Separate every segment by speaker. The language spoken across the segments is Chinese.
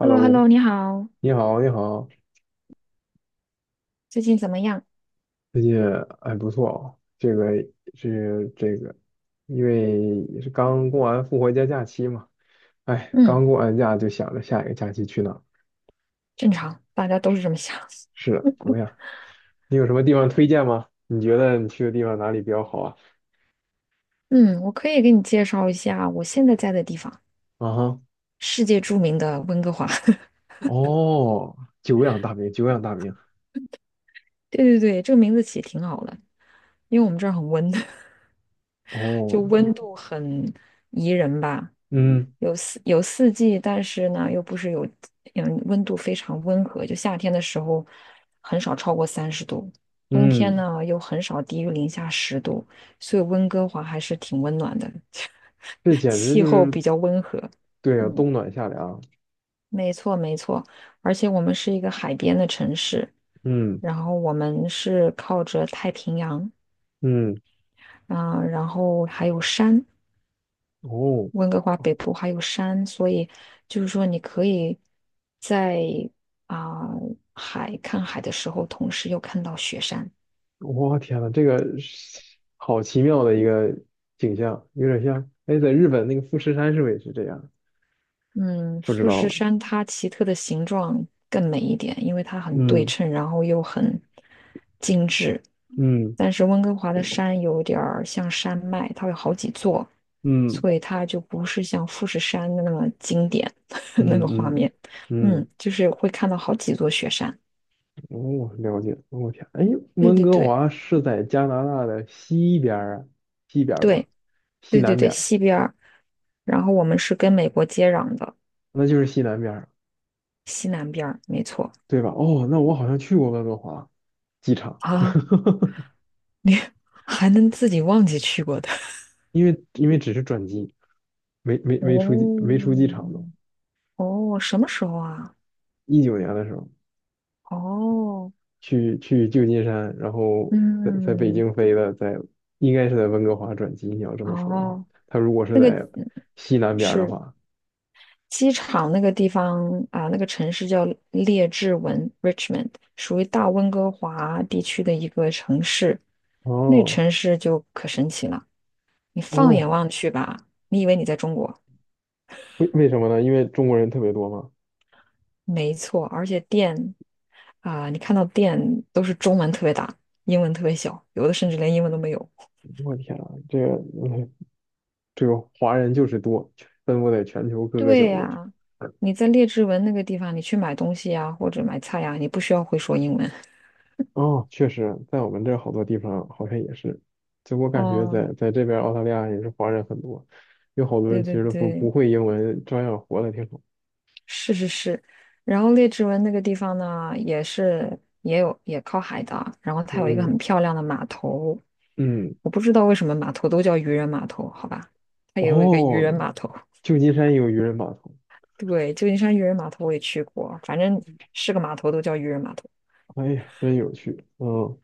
Speaker 1: h e l l o h e l l o 你好，
Speaker 2: 你好，你好，
Speaker 1: 最近怎么样？
Speaker 2: 最近还不错哦。这个是这个，因为也是刚过完复活节假期嘛，哎，
Speaker 1: 嗯，
Speaker 2: 刚过完假就想着下一个假期去哪儿。
Speaker 1: 正常，大家都是这么想。
Speaker 2: 是的，怎么样？你有什么地方推荐吗？你觉得你去的地方哪里比较好啊？
Speaker 1: 嗯，我可以给你介绍一下我现在在的地方，
Speaker 2: 啊哈，
Speaker 1: 世界著名的温哥华。
Speaker 2: 哦，久仰大名，久仰大名。
Speaker 1: 对对对，这个名字起挺好的，因为我们这儿很温。
Speaker 2: 哦，
Speaker 1: 就温度很宜人吧。
Speaker 2: 嗯
Speaker 1: 有四季，但是呢，又不是有，温度非常温和。就夏天的时候，很少超过30度，冬天
Speaker 2: 嗯，
Speaker 1: 呢又很少低于零下10度，所以温哥华还是挺温暖的，
Speaker 2: 这 简直
Speaker 1: 气
Speaker 2: 就
Speaker 1: 候
Speaker 2: 是。
Speaker 1: 比较温和。
Speaker 2: 对啊，
Speaker 1: 嗯，
Speaker 2: 冬暖夏凉。
Speaker 1: 没错没错，而且我们是一个海边的城市，
Speaker 2: 嗯
Speaker 1: 然后我们是靠着太平洋，
Speaker 2: 嗯，
Speaker 1: 然后还有山，
Speaker 2: 哦。
Speaker 1: 温哥华北部还有山，所以就是说你可以在啊、看海的时候，同时又看到雪山。
Speaker 2: 我天呐，这个是好奇妙的一个景象，有点像，哎，在日本那个富士山是不是也是这样？
Speaker 1: 嗯，
Speaker 2: 不知
Speaker 1: 富
Speaker 2: 道
Speaker 1: 士
Speaker 2: 了。
Speaker 1: 山它奇特的形状更美一点，因为它很对
Speaker 2: 嗯
Speaker 1: 称，然后又很精致。
Speaker 2: 嗯
Speaker 1: 但是温哥华的山有点儿像山脉，它有好几座，
Speaker 2: 嗯
Speaker 1: 所以它就不是像富士山的那么经典 那
Speaker 2: 嗯
Speaker 1: 个画
Speaker 2: 嗯
Speaker 1: 面。嗯，
Speaker 2: 嗯，
Speaker 1: 就是会看到好几座雪山。
Speaker 2: 哦，了解。我天，哎，
Speaker 1: 对
Speaker 2: 温
Speaker 1: 对
Speaker 2: 哥
Speaker 1: 对
Speaker 2: 华是在加拿大的西边儿啊，西边儿吧，
Speaker 1: 对。
Speaker 2: 西
Speaker 1: 对对
Speaker 2: 南
Speaker 1: 对，
Speaker 2: 边儿，
Speaker 1: 西边儿，然后我们是跟美国接壤的
Speaker 2: 那就是西南边儿，
Speaker 1: 西南边儿，没错
Speaker 2: 对吧？哦，那我好像去过温哥华机场，
Speaker 1: 啊，你 还能自己忘记去过的？
Speaker 2: 因为只是转机，没没 没出机没出机
Speaker 1: 哦
Speaker 2: 场都，
Speaker 1: 哦，什么时候啊？
Speaker 2: 19年的时候。
Speaker 1: 哦，
Speaker 2: 去旧金山，然后在北
Speaker 1: 嗯，
Speaker 2: 京飞的，应该是在温哥华转机。你要这么说的话，
Speaker 1: 哦，
Speaker 2: 他如果是
Speaker 1: 那个
Speaker 2: 在
Speaker 1: 嗯
Speaker 2: 西南边儿的
Speaker 1: 是
Speaker 2: 话，
Speaker 1: 机场那个地方那个城市叫列治文 （Richmond），属于大温哥华地区的一个城市。那
Speaker 2: 哦
Speaker 1: 城市就可神奇了，你放眼
Speaker 2: 哦，
Speaker 1: 望去吧，你以为你在中国。
Speaker 2: 为什么呢？因为中国人特别多嘛。
Speaker 1: 没错，而且店你看到店都是中文特别大，英文特别小，有的甚至连英文都没有。
Speaker 2: 我天啊，嗯这个华人就是多，分布在全球各个
Speaker 1: 对
Speaker 2: 角落。
Speaker 1: 呀、你在列治文那个地方，你去买东西呀、或者买菜呀、你不需要会说英文。
Speaker 2: 哦，确实，在我们这儿好多地方好像也是，就我感觉
Speaker 1: 哦，
Speaker 2: 在这边澳大利亚也是华人很多，有好多人
Speaker 1: 对
Speaker 2: 其
Speaker 1: 对
Speaker 2: 实都不
Speaker 1: 对，
Speaker 2: 会英文，照样活得挺好。
Speaker 1: 是是是。然后列治文那个地方呢，也是也有也靠海的，然后它有一个
Speaker 2: 嗯
Speaker 1: 很漂亮的码头，
Speaker 2: 嗯，
Speaker 1: 我不知道为什么码头都叫渔人码头，好吧？它也有一个渔
Speaker 2: 哦，
Speaker 1: 人码头。
Speaker 2: 旧金山有渔人码头，
Speaker 1: 对，旧金山渔人码头我也去过，反正是个码头都叫渔人码头。
Speaker 2: 哎呀，真有趣。嗯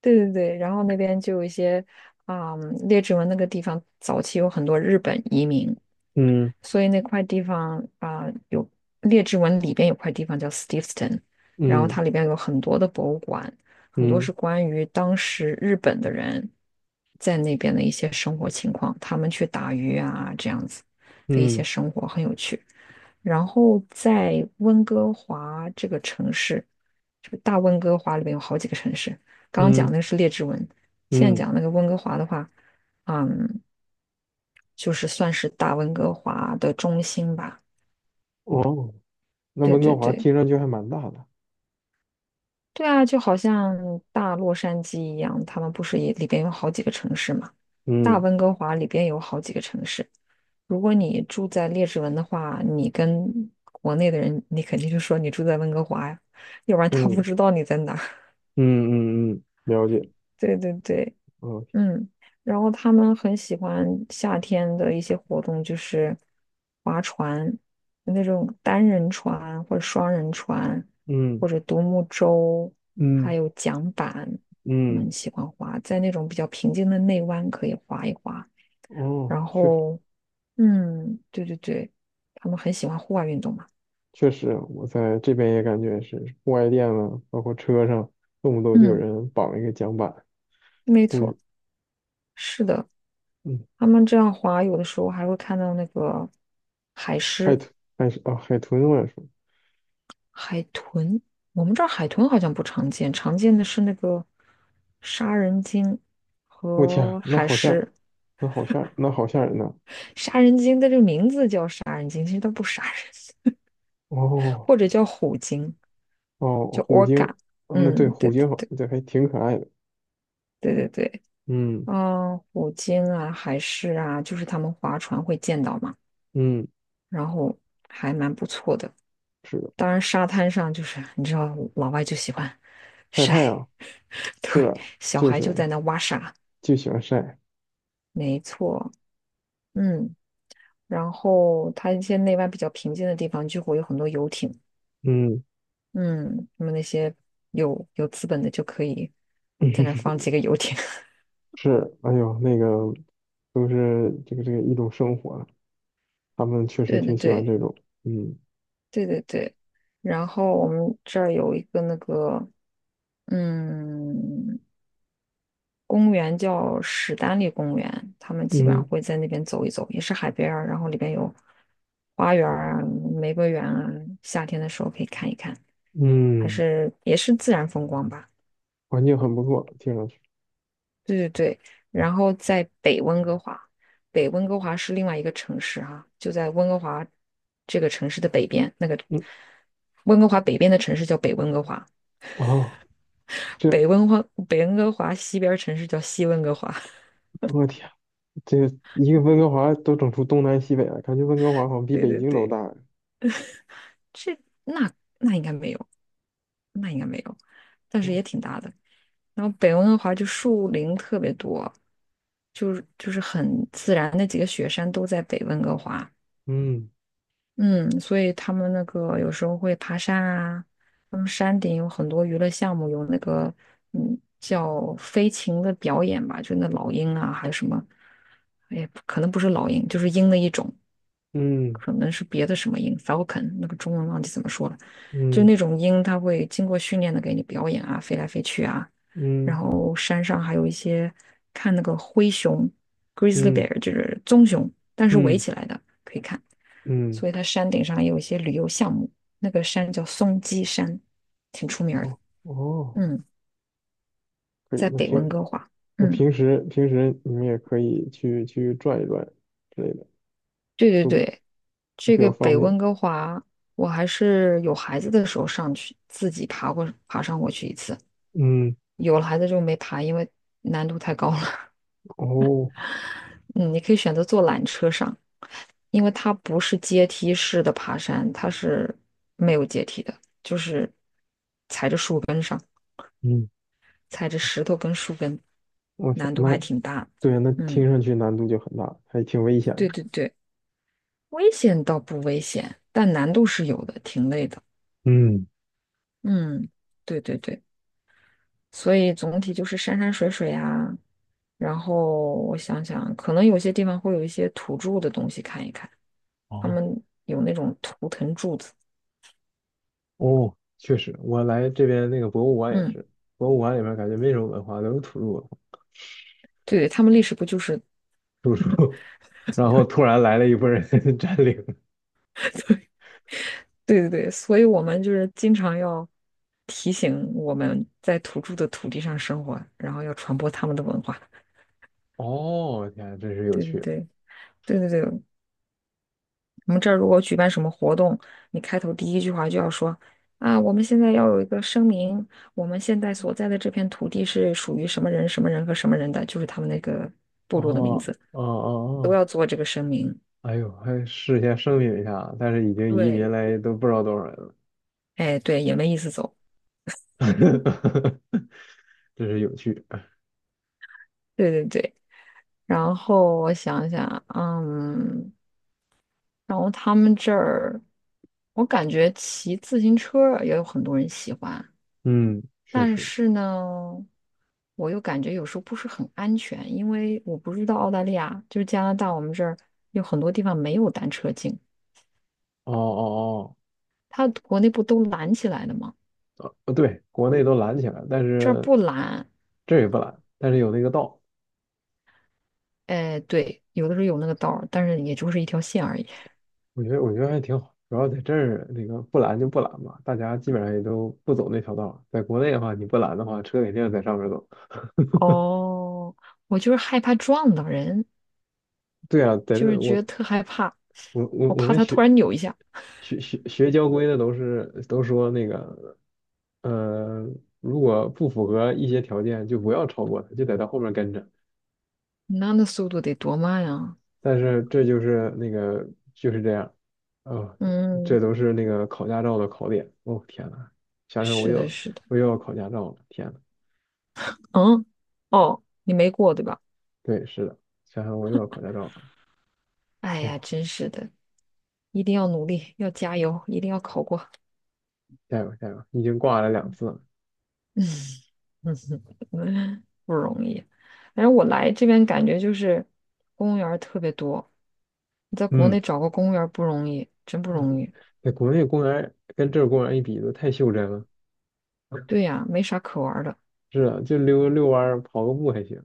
Speaker 1: 对对对，然后那边就有一些列治文那个地方早期有很多日本移民，
Speaker 2: 嗯
Speaker 1: 所以那块地方有列治文里边有块地方叫 Steveston，然后
Speaker 2: 嗯
Speaker 1: 它里边有很多的博物馆，很多
Speaker 2: 嗯
Speaker 1: 是关于当时日本的人在那边的一些生活情况，他们去打鱼啊这样子的一些
Speaker 2: 嗯
Speaker 1: 生活很有趣。然后在温哥华这个城市，这个大温哥华里边有好几个城市，刚刚讲
Speaker 2: 嗯
Speaker 1: 那个是列治文，现在
Speaker 2: 嗯，
Speaker 1: 讲那个温哥华的话，嗯。就是算是大温哥华的中心吧。
Speaker 2: 哦，那
Speaker 1: 对
Speaker 2: 温
Speaker 1: 对
Speaker 2: 哥华
Speaker 1: 对，
Speaker 2: 听上去还蛮大的。
Speaker 1: 对啊，就好像大洛杉矶一样，他们不是也里边有好几个城市嘛？大
Speaker 2: 嗯
Speaker 1: 温哥华里边有好几个城市。如果你住在列治文的话，你跟国内的人，你肯定就说你住在温哥华呀，要不然他不
Speaker 2: 嗯
Speaker 1: 知道你在哪儿
Speaker 2: 嗯嗯嗯，了解。
Speaker 1: 对对对，
Speaker 2: 嗯
Speaker 1: 嗯，然后他们很喜欢夏天的一些活动，就是划船，那种单人船或者双人船，
Speaker 2: 嗯
Speaker 1: 或者独木舟，还
Speaker 2: 嗯
Speaker 1: 有桨板，他们
Speaker 2: 嗯，
Speaker 1: 喜欢划，在那种比较平静的内湾可以划一划。
Speaker 2: 哦，
Speaker 1: 然
Speaker 2: 确
Speaker 1: 后，嗯，对对对，他们很喜欢户外运动嘛。
Speaker 2: 确实，我在这边也感觉是户外店了，包括车上，动不动就有
Speaker 1: 嗯，
Speaker 2: 人绑一个桨板
Speaker 1: 没
Speaker 2: 出去。
Speaker 1: 错，是的，
Speaker 2: 嗯，
Speaker 1: 他们这样划，有的时候还会看到那个海
Speaker 2: 海
Speaker 1: 狮。
Speaker 2: 豚，还是啊，海豚我也说。
Speaker 1: 海豚，我们这儿海豚好像不常见，常见的是那个杀人鲸
Speaker 2: 我天，
Speaker 1: 和
Speaker 2: 那
Speaker 1: 海
Speaker 2: 好吓人，
Speaker 1: 狮。
Speaker 2: 那好吓人，那好吓人呐！
Speaker 1: 杀人鲸的这个名字叫杀人鲸，其实它不杀人，
Speaker 2: 哦
Speaker 1: 或者叫虎鲸，
Speaker 2: 哦，
Speaker 1: 叫
Speaker 2: 虎鲸，
Speaker 1: orca。
Speaker 2: 那对
Speaker 1: 嗯，对
Speaker 2: 虎
Speaker 1: 对
Speaker 2: 鲸好，
Speaker 1: 对
Speaker 2: 对，还挺可爱的。
Speaker 1: 对对对，
Speaker 2: 嗯
Speaker 1: 嗯，虎鲸啊，海狮啊，就是他们划船会见到嘛，
Speaker 2: 嗯，
Speaker 1: 然后还蛮不错的。
Speaker 2: 是的，
Speaker 1: 当然，沙滩上就是你知道，老外就喜欢
Speaker 2: 晒太
Speaker 1: 晒，
Speaker 2: 阳，是
Speaker 1: 对，
Speaker 2: 的，
Speaker 1: 小
Speaker 2: 就
Speaker 1: 孩
Speaker 2: 喜
Speaker 1: 就
Speaker 2: 欢
Speaker 1: 在那挖沙，
Speaker 2: 就喜欢晒。
Speaker 1: 没错。嗯，然后它一些内外比较平静的地方，就会有很多游艇，
Speaker 2: 嗯，
Speaker 1: 嗯，那么那些有资本的就可以在那儿 放几个游艇，
Speaker 2: 是，哎呦，那个都是这个一种生活了。他们 确实
Speaker 1: 对对
Speaker 2: 挺喜欢
Speaker 1: 对
Speaker 2: 这种。嗯
Speaker 1: 对对对。然后我们这儿有一个那个嗯公园叫史丹利公园，他们基本上
Speaker 2: 嗯
Speaker 1: 会在那边走一走，也是海边儿，然后里边有花园儿啊、玫瑰园啊，夏天的时候可以看一看，还
Speaker 2: 嗯，
Speaker 1: 是也是自然风光吧。
Speaker 2: 环境很不错，听上去。
Speaker 1: 对对对，然后在北温哥华，北温哥华是另外一个城市哈、就在温哥华这个城市的北边，那个
Speaker 2: 嗯
Speaker 1: 温哥华北边的城市叫北温哥华，
Speaker 2: 哦，
Speaker 1: 北
Speaker 2: 这
Speaker 1: 温华北温哥华西边儿城市叫西温哥华。
Speaker 2: 我天，这个一个温哥华都整出东南西北了，感觉温哥华好像 比
Speaker 1: 对
Speaker 2: 北
Speaker 1: 对
Speaker 2: 京都
Speaker 1: 对，
Speaker 2: 大呀。
Speaker 1: 这那那应该没有，那应该没有，但是也挺大的。然后北温哥华就树林特别多，就是很自然，那几个雪山都在北温哥华。
Speaker 2: 嗯
Speaker 1: 嗯，所以他们那个有时候会爬山啊，他们山顶有很多娱乐项目，有那个叫飞禽的表演吧，就那老鹰啊，还有什么，哎，可能不是老鹰，就是鹰的一种，
Speaker 2: 嗯
Speaker 1: 可能是别的什么鹰，falcon，那个中文忘记怎么说了，就
Speaker 2: 嗯
Speaker 1: 那种鹰，它会经过训练的给你表演啊，飞来飞去啊，然
Speaker 2: 嗯
Speaker 1: 后山上还有一些看那个灰熊，grizzly
Speaker 2: 嗯
Speaker 1: bear 就是棕熊，但是围
Speaker 2: 嗯
Speaker 1: 起来的可以看。
Speaker 2: 嗯，
Speaker 1: 所以它山顶上也有一些旅游项目。那个山叫松鸡山，挺出名儿的。
Speaker 2: 哦哦，
Speaker 1: 嗯，
Speaker 2: 可以。
Speaker 1: 在
Speaker 2: 那
Speaker 1: 北温
Speaker 2: 平
Speaker 1: 哥华。
Speaker 2: 那
Speaker 1: 嗯，
Speaker 2: 平时平时你们也可以去转一转之类的，
Speaker 1: 对对
Speaker 2: 都
Speaker 1: 对，
Speaker 2: 都
Speaker 1: 这
Speaker 2: 比
Speaker 1: 个
Speaker 2: 较方
Speaker 1: 北
Speaker 2: 便。
Speaker 1: 温哥华，我还是有孩子的时候上去，自己爬上过去一次。
Speaker 2: 嗯
Speaker 1: 有了孩子就没爬，因为难度太高了。
Speaker 2: 哦
Speaker 1: 嗯，你可以选择坐缆车上，因为它不是阶梯式的爬山，它是没有阶梯的，就是踩着上。
Speaker 2: 嗯，
Speaker 1: 踩着石头跟树根，
Speaker 2: 我天，
Speaker 1: 难度
Speaker 2: 那
Speaker 1: 还挺大。
Speaker 2: 对啊，那听
Speaker 1: 嗯，
Speaker 2: 上去难度就很大，还挺危险
Speaker 1: 对
Speaker 2: 的。
Speaker 1: 对对，危险倒不危险，但难度是有的，挺累的。
Speaker 2: 嗯。
Speaker 1: 嗯，对对对，所以总体就是山山水水啊，然后我想想，可能有些地方会有一些土著的东西看一看，他
Speaker 2: 哦
Speaker 1: 们有那种图腾柱子。
Speaker 2: 哦，确实，我来这边那个博物馆也
Speaker 1: 嗯，
Speaker 2: 是，博物馆里面感觉没什么文化，都是土著文化
Speaker 1: 对对，他们历史不就是，
Speaker 2: 土著，然后突然来了一波人 占领。
Speaker 1: 对对对，所以我们就是经常要提醒我们在土著的土地上生活，然后要传播他们的文化。
Speaker 2: 哦，天，真是有
Speaker 1: 对对
Speaker 2: 趣。
Speaker 1: 对对对对，我们这儿如果举办什么活动，你开头第一句话就要说啊，我们现在要有一个声明，我们现在所在的这片土地是属于什么人、什么人和什么人的，就是他们那个部
Speaker 2: 哦，
Speaker 1: 落的名字，
Speaker 2: 哦哦
Speaker 1: 都
Speaker 2: 哦，
Speaker 1: 要做这个声明。
Speaker 2: 哎呦，还事先声明一下啊，但是已经移民
Speaker 1: 对，
Speaker 2: 来都不知道多少人了，
Speaker 1: 哎，对，也没意思走。嗯，
Speaker 2: 真是有趣。
Speaker 1: 对对对。然后我想想，嗯，然后他们这儿，我感觉骑自行车也有很多人喜欢。
Speaker 2: 嗯，确
Speaker 1: 但
Speaker 2: 实。
Speaker 1: 是呢，我又感觉有时候不是很安全，因为我不知道澳大利亚，就是加拿大，我们这儿有很多地方没有单车径，
Speaker 2: 哦哦
Speaker 1: 它国内不都拦起来了吗？
Speaker 2: 哦，哦对，国内都拦起来了，但
Speaker 1: 这儿
Speaker 2: 是
Speaker 1: 不拦，
Speaker 2: 这也不拦，但是有那个道。
Speaker 1: 哎，对，有的时候有那个道儿，但是也就是一条线而已。
Speaker 2: 我觉得还挺好，主要在这儿那个不拦就不拦吧，大家基本上也都不走那条道儿。在国内的话，你不拦的话，车肯定在上面走。
Speaker 1: 哦，我就是害怕撞到人，
Speaker 2: 对啊，在这
Speaker 1: 就是
Speaker 2: 儿
Speaker 1: 觉得
Speaker 2: 我
Speaker 1: 特害怕，
Speaker 2: 我我
Speaker 1: 我
Speaker 2: 我
Speaker 1: 怕
Speaker 2: 们
Speaker 1: 他突
Speaker 2: 学
Speaker 1: 然扭一下，
Speaker 2: 学学学交规的都说那个，呃，如果不符合一些条件，就不要超过他，就在到后面跟着。
Speaker 1: 那速度得多慢啊！
Speaker 2: 但是这就是那个就是这样，啊、这
Speaker 1: 嗯，
Speaker 2: 都是那个考驾照的考点。哦，天呐，想想我
Speaker 1: 是的，
Speaker 2: 又
Speaker 1: 是的，
Speaker 2: 我又要考驾照了，天呐。
Speaker 1: 嗯，哦，你没过对吧？
Speaker 2: 对，是的，想想我又要考驾照了。
Speaker 1: 哎呀，
Speaker 2: 哦，
Speaker 1: 真是的，一定要努力，要加油，一定要考过。
Speaker 2: 加油加油！已经挂了2次了。
Speaker 1: 嗯哼，不容易。反正我来这边感觉就是公务员儿特别多，你在国内
Speaker 2: 嗯，
Speaker 1: 找个公务员儿不容易，真不容易。
Speaker 2: 在国内公园儿跟这儿公园儿一比，都太袖珍了。
Speaker 1: 对呀，没啥可玩儿的。
Speaker 2: 是啊就溜溜弯儿、跑个步还行，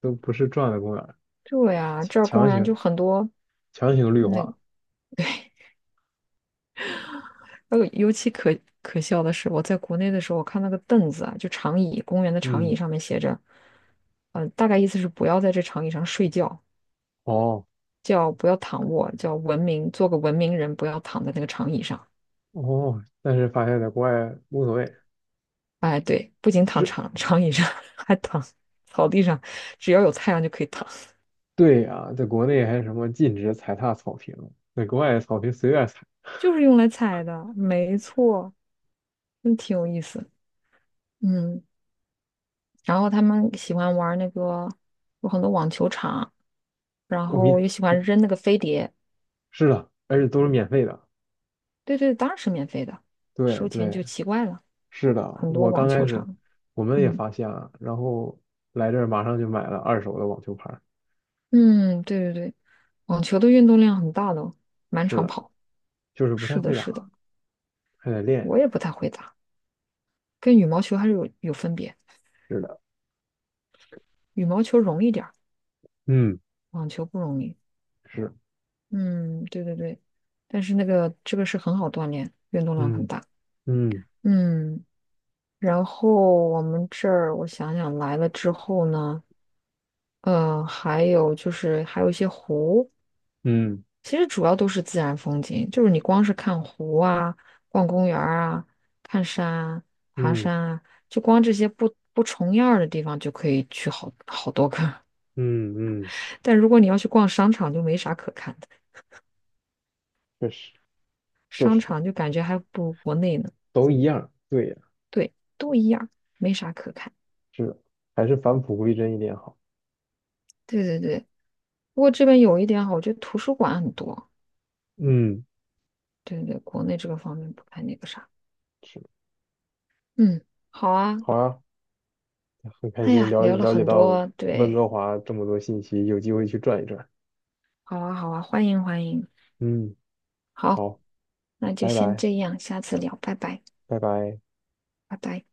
Speaker 2: 都不是转的公园儿。
Speaker 1: 对呀，这儿公务
Speaker 2: 强
Speaker 1: 员
Speaker 2: 行
Speaker 1: 就很多。
Speaker 2: 强行绿
Speaker 1: 那
Speaker 2: 化。
Speaker 1: 对，呃，尤其可笑的是，我在国内的时候，我看那个凳子啊，就长椅，公园的长椅
Speaker 2: 嗯，
Speaker 1: 上面写着，呃，大概意思是不要在这长椅上睡觉，
Speaker 2: 哦
Speaker 1: 叫不要躺卧，叫文明，做个文明人，不要躺在那个长椅上。
Speaker 2: 哦，但是发现在国外无所谓。
Speaker 1: 哎，对，不仅躺
Speaker 2: 是，
Speaker 1: 长椅上，还躺草地上，只要有太阳就可以躺，
Speaker 2: 对呀、在国内还什么禁止踩踏草坪，在国外草坪随便踩，
Speaker 1: 就是用来踩的，没错，真挺有意思。嗯，然后他们喜欢玩那个，有很多网球场，然
Speaker 2: 我
Speaker 1: 后
Speaker 2: 们
Speaker 1: 也喜欢扔那个飞碟。
Speaker 2: 是的，而且都是免费的。
Speaker 1: 对对，当然是免费的，
Speaker 2: 对
Speaker 1: 收钱
Speaker 2: 对，
Speaker 1: 就奇怪了。
Speaker 2: 是的，
Speaker 1: 很多
Speaker 2: 我刚
Speaker 1: 网
Speaker 2: 开
Speaker 1: 球
Speaker 2: 始
Speaker 1: 场，
Speaker 2: 我们也
Speaker 1: 嗯
Speaker 2: 发现了，然后来这儿马上就买了二手的网球拍儿。
Speaker 1: 嗯，对对对，网球的运动量很大的哦满
Speaker 2: 是
Speaker 1: 场
Speaker 2: 的，
Speaker 1: 跑。
Speaker 2: 就是不
Speaker 1: 是
Speaker 2: 太
Speaker 1: 的，
Speaker 2: 会
Speaker 1: 是的，
Speaker 2: 打，还得练一
Speaker 1: 我
Speaker 2: 练。
Speaker 1: 也不太会打，跟羽毛球还是有分别，
Speaker 2: 是的，
Speaker 1: 羽毛球容易点儿。
Speaker 2: 嗯，
Speaker 1: 网球不容易，
Speaker 2: 是，
Speaker 1: 嗯，对对对，但是那个这个是很好锻炼，运动量很
Speaker 2: 嗯
Speaker 1: 大，
Speaker 2: 嗯
Speaker 1: 嗯，然后我们这儿我想想来了之后呢，呃，还有就是还有一些湖，
Speaker 2: 嗯
Speaker 1: 其实主要都是自然风景，就是你光是看湖啊、逛公园儿啊、看山啊、爬
Speaker 2: 嗯
Speaker 1: 山啊，就光这些不重样儿的地方就可以去好多个
Speaker 2: 嗯嗯，
Speaker 1: 但如果你要去逛商场，就没啥可看的，
Speaker 2: 确实确
Speaker 1: 商
Speaker 2: 实
Speaker 1: 场就感觉还不如国内呢。
Speaker 2: 都一样。对呀，
Speaker 1: 对，都一样，没啥可看。
Speaker 2: 是的。还是返璞归真一点好。
Speaker 1: 对对对，不过这边有一点好，我觉得图书馆很多。
Speaker 2: 嗯，
Speaker 1: 对对对，国内这个方面不太那个啥。
Speaker 2: 是，
Speaker 1: 嗯，好啊。
Speaker 2: 好啊，很开
Speaker 1: 哎
Speaker 2: 心
Speaker 1: 呀，
Speaker 2: 了解
Speaker 1: 聊了
Speaker 2: 了解
Speaker 1: 很
Speaker 2: 到
Speaker 1: 多，
Speaker 2: 温哥
Speaker 1: 对，
Speaker 2: 华这么多信息，有机会去转一转。
Speaker 1: 好啊好啊，欢迎欢迎。
Speaker 2: 嗯，
Speaker 1: 好，
Speaker 2: 好，
Speaker 1: 那就
Speaker 2: 拜
Speaker 1: 先
Speaker 2: 拜，
Speaker 1: 这样，下次聊，拜拜，
Speaker 2: 拜拜。
Speaker 1: 拜拜。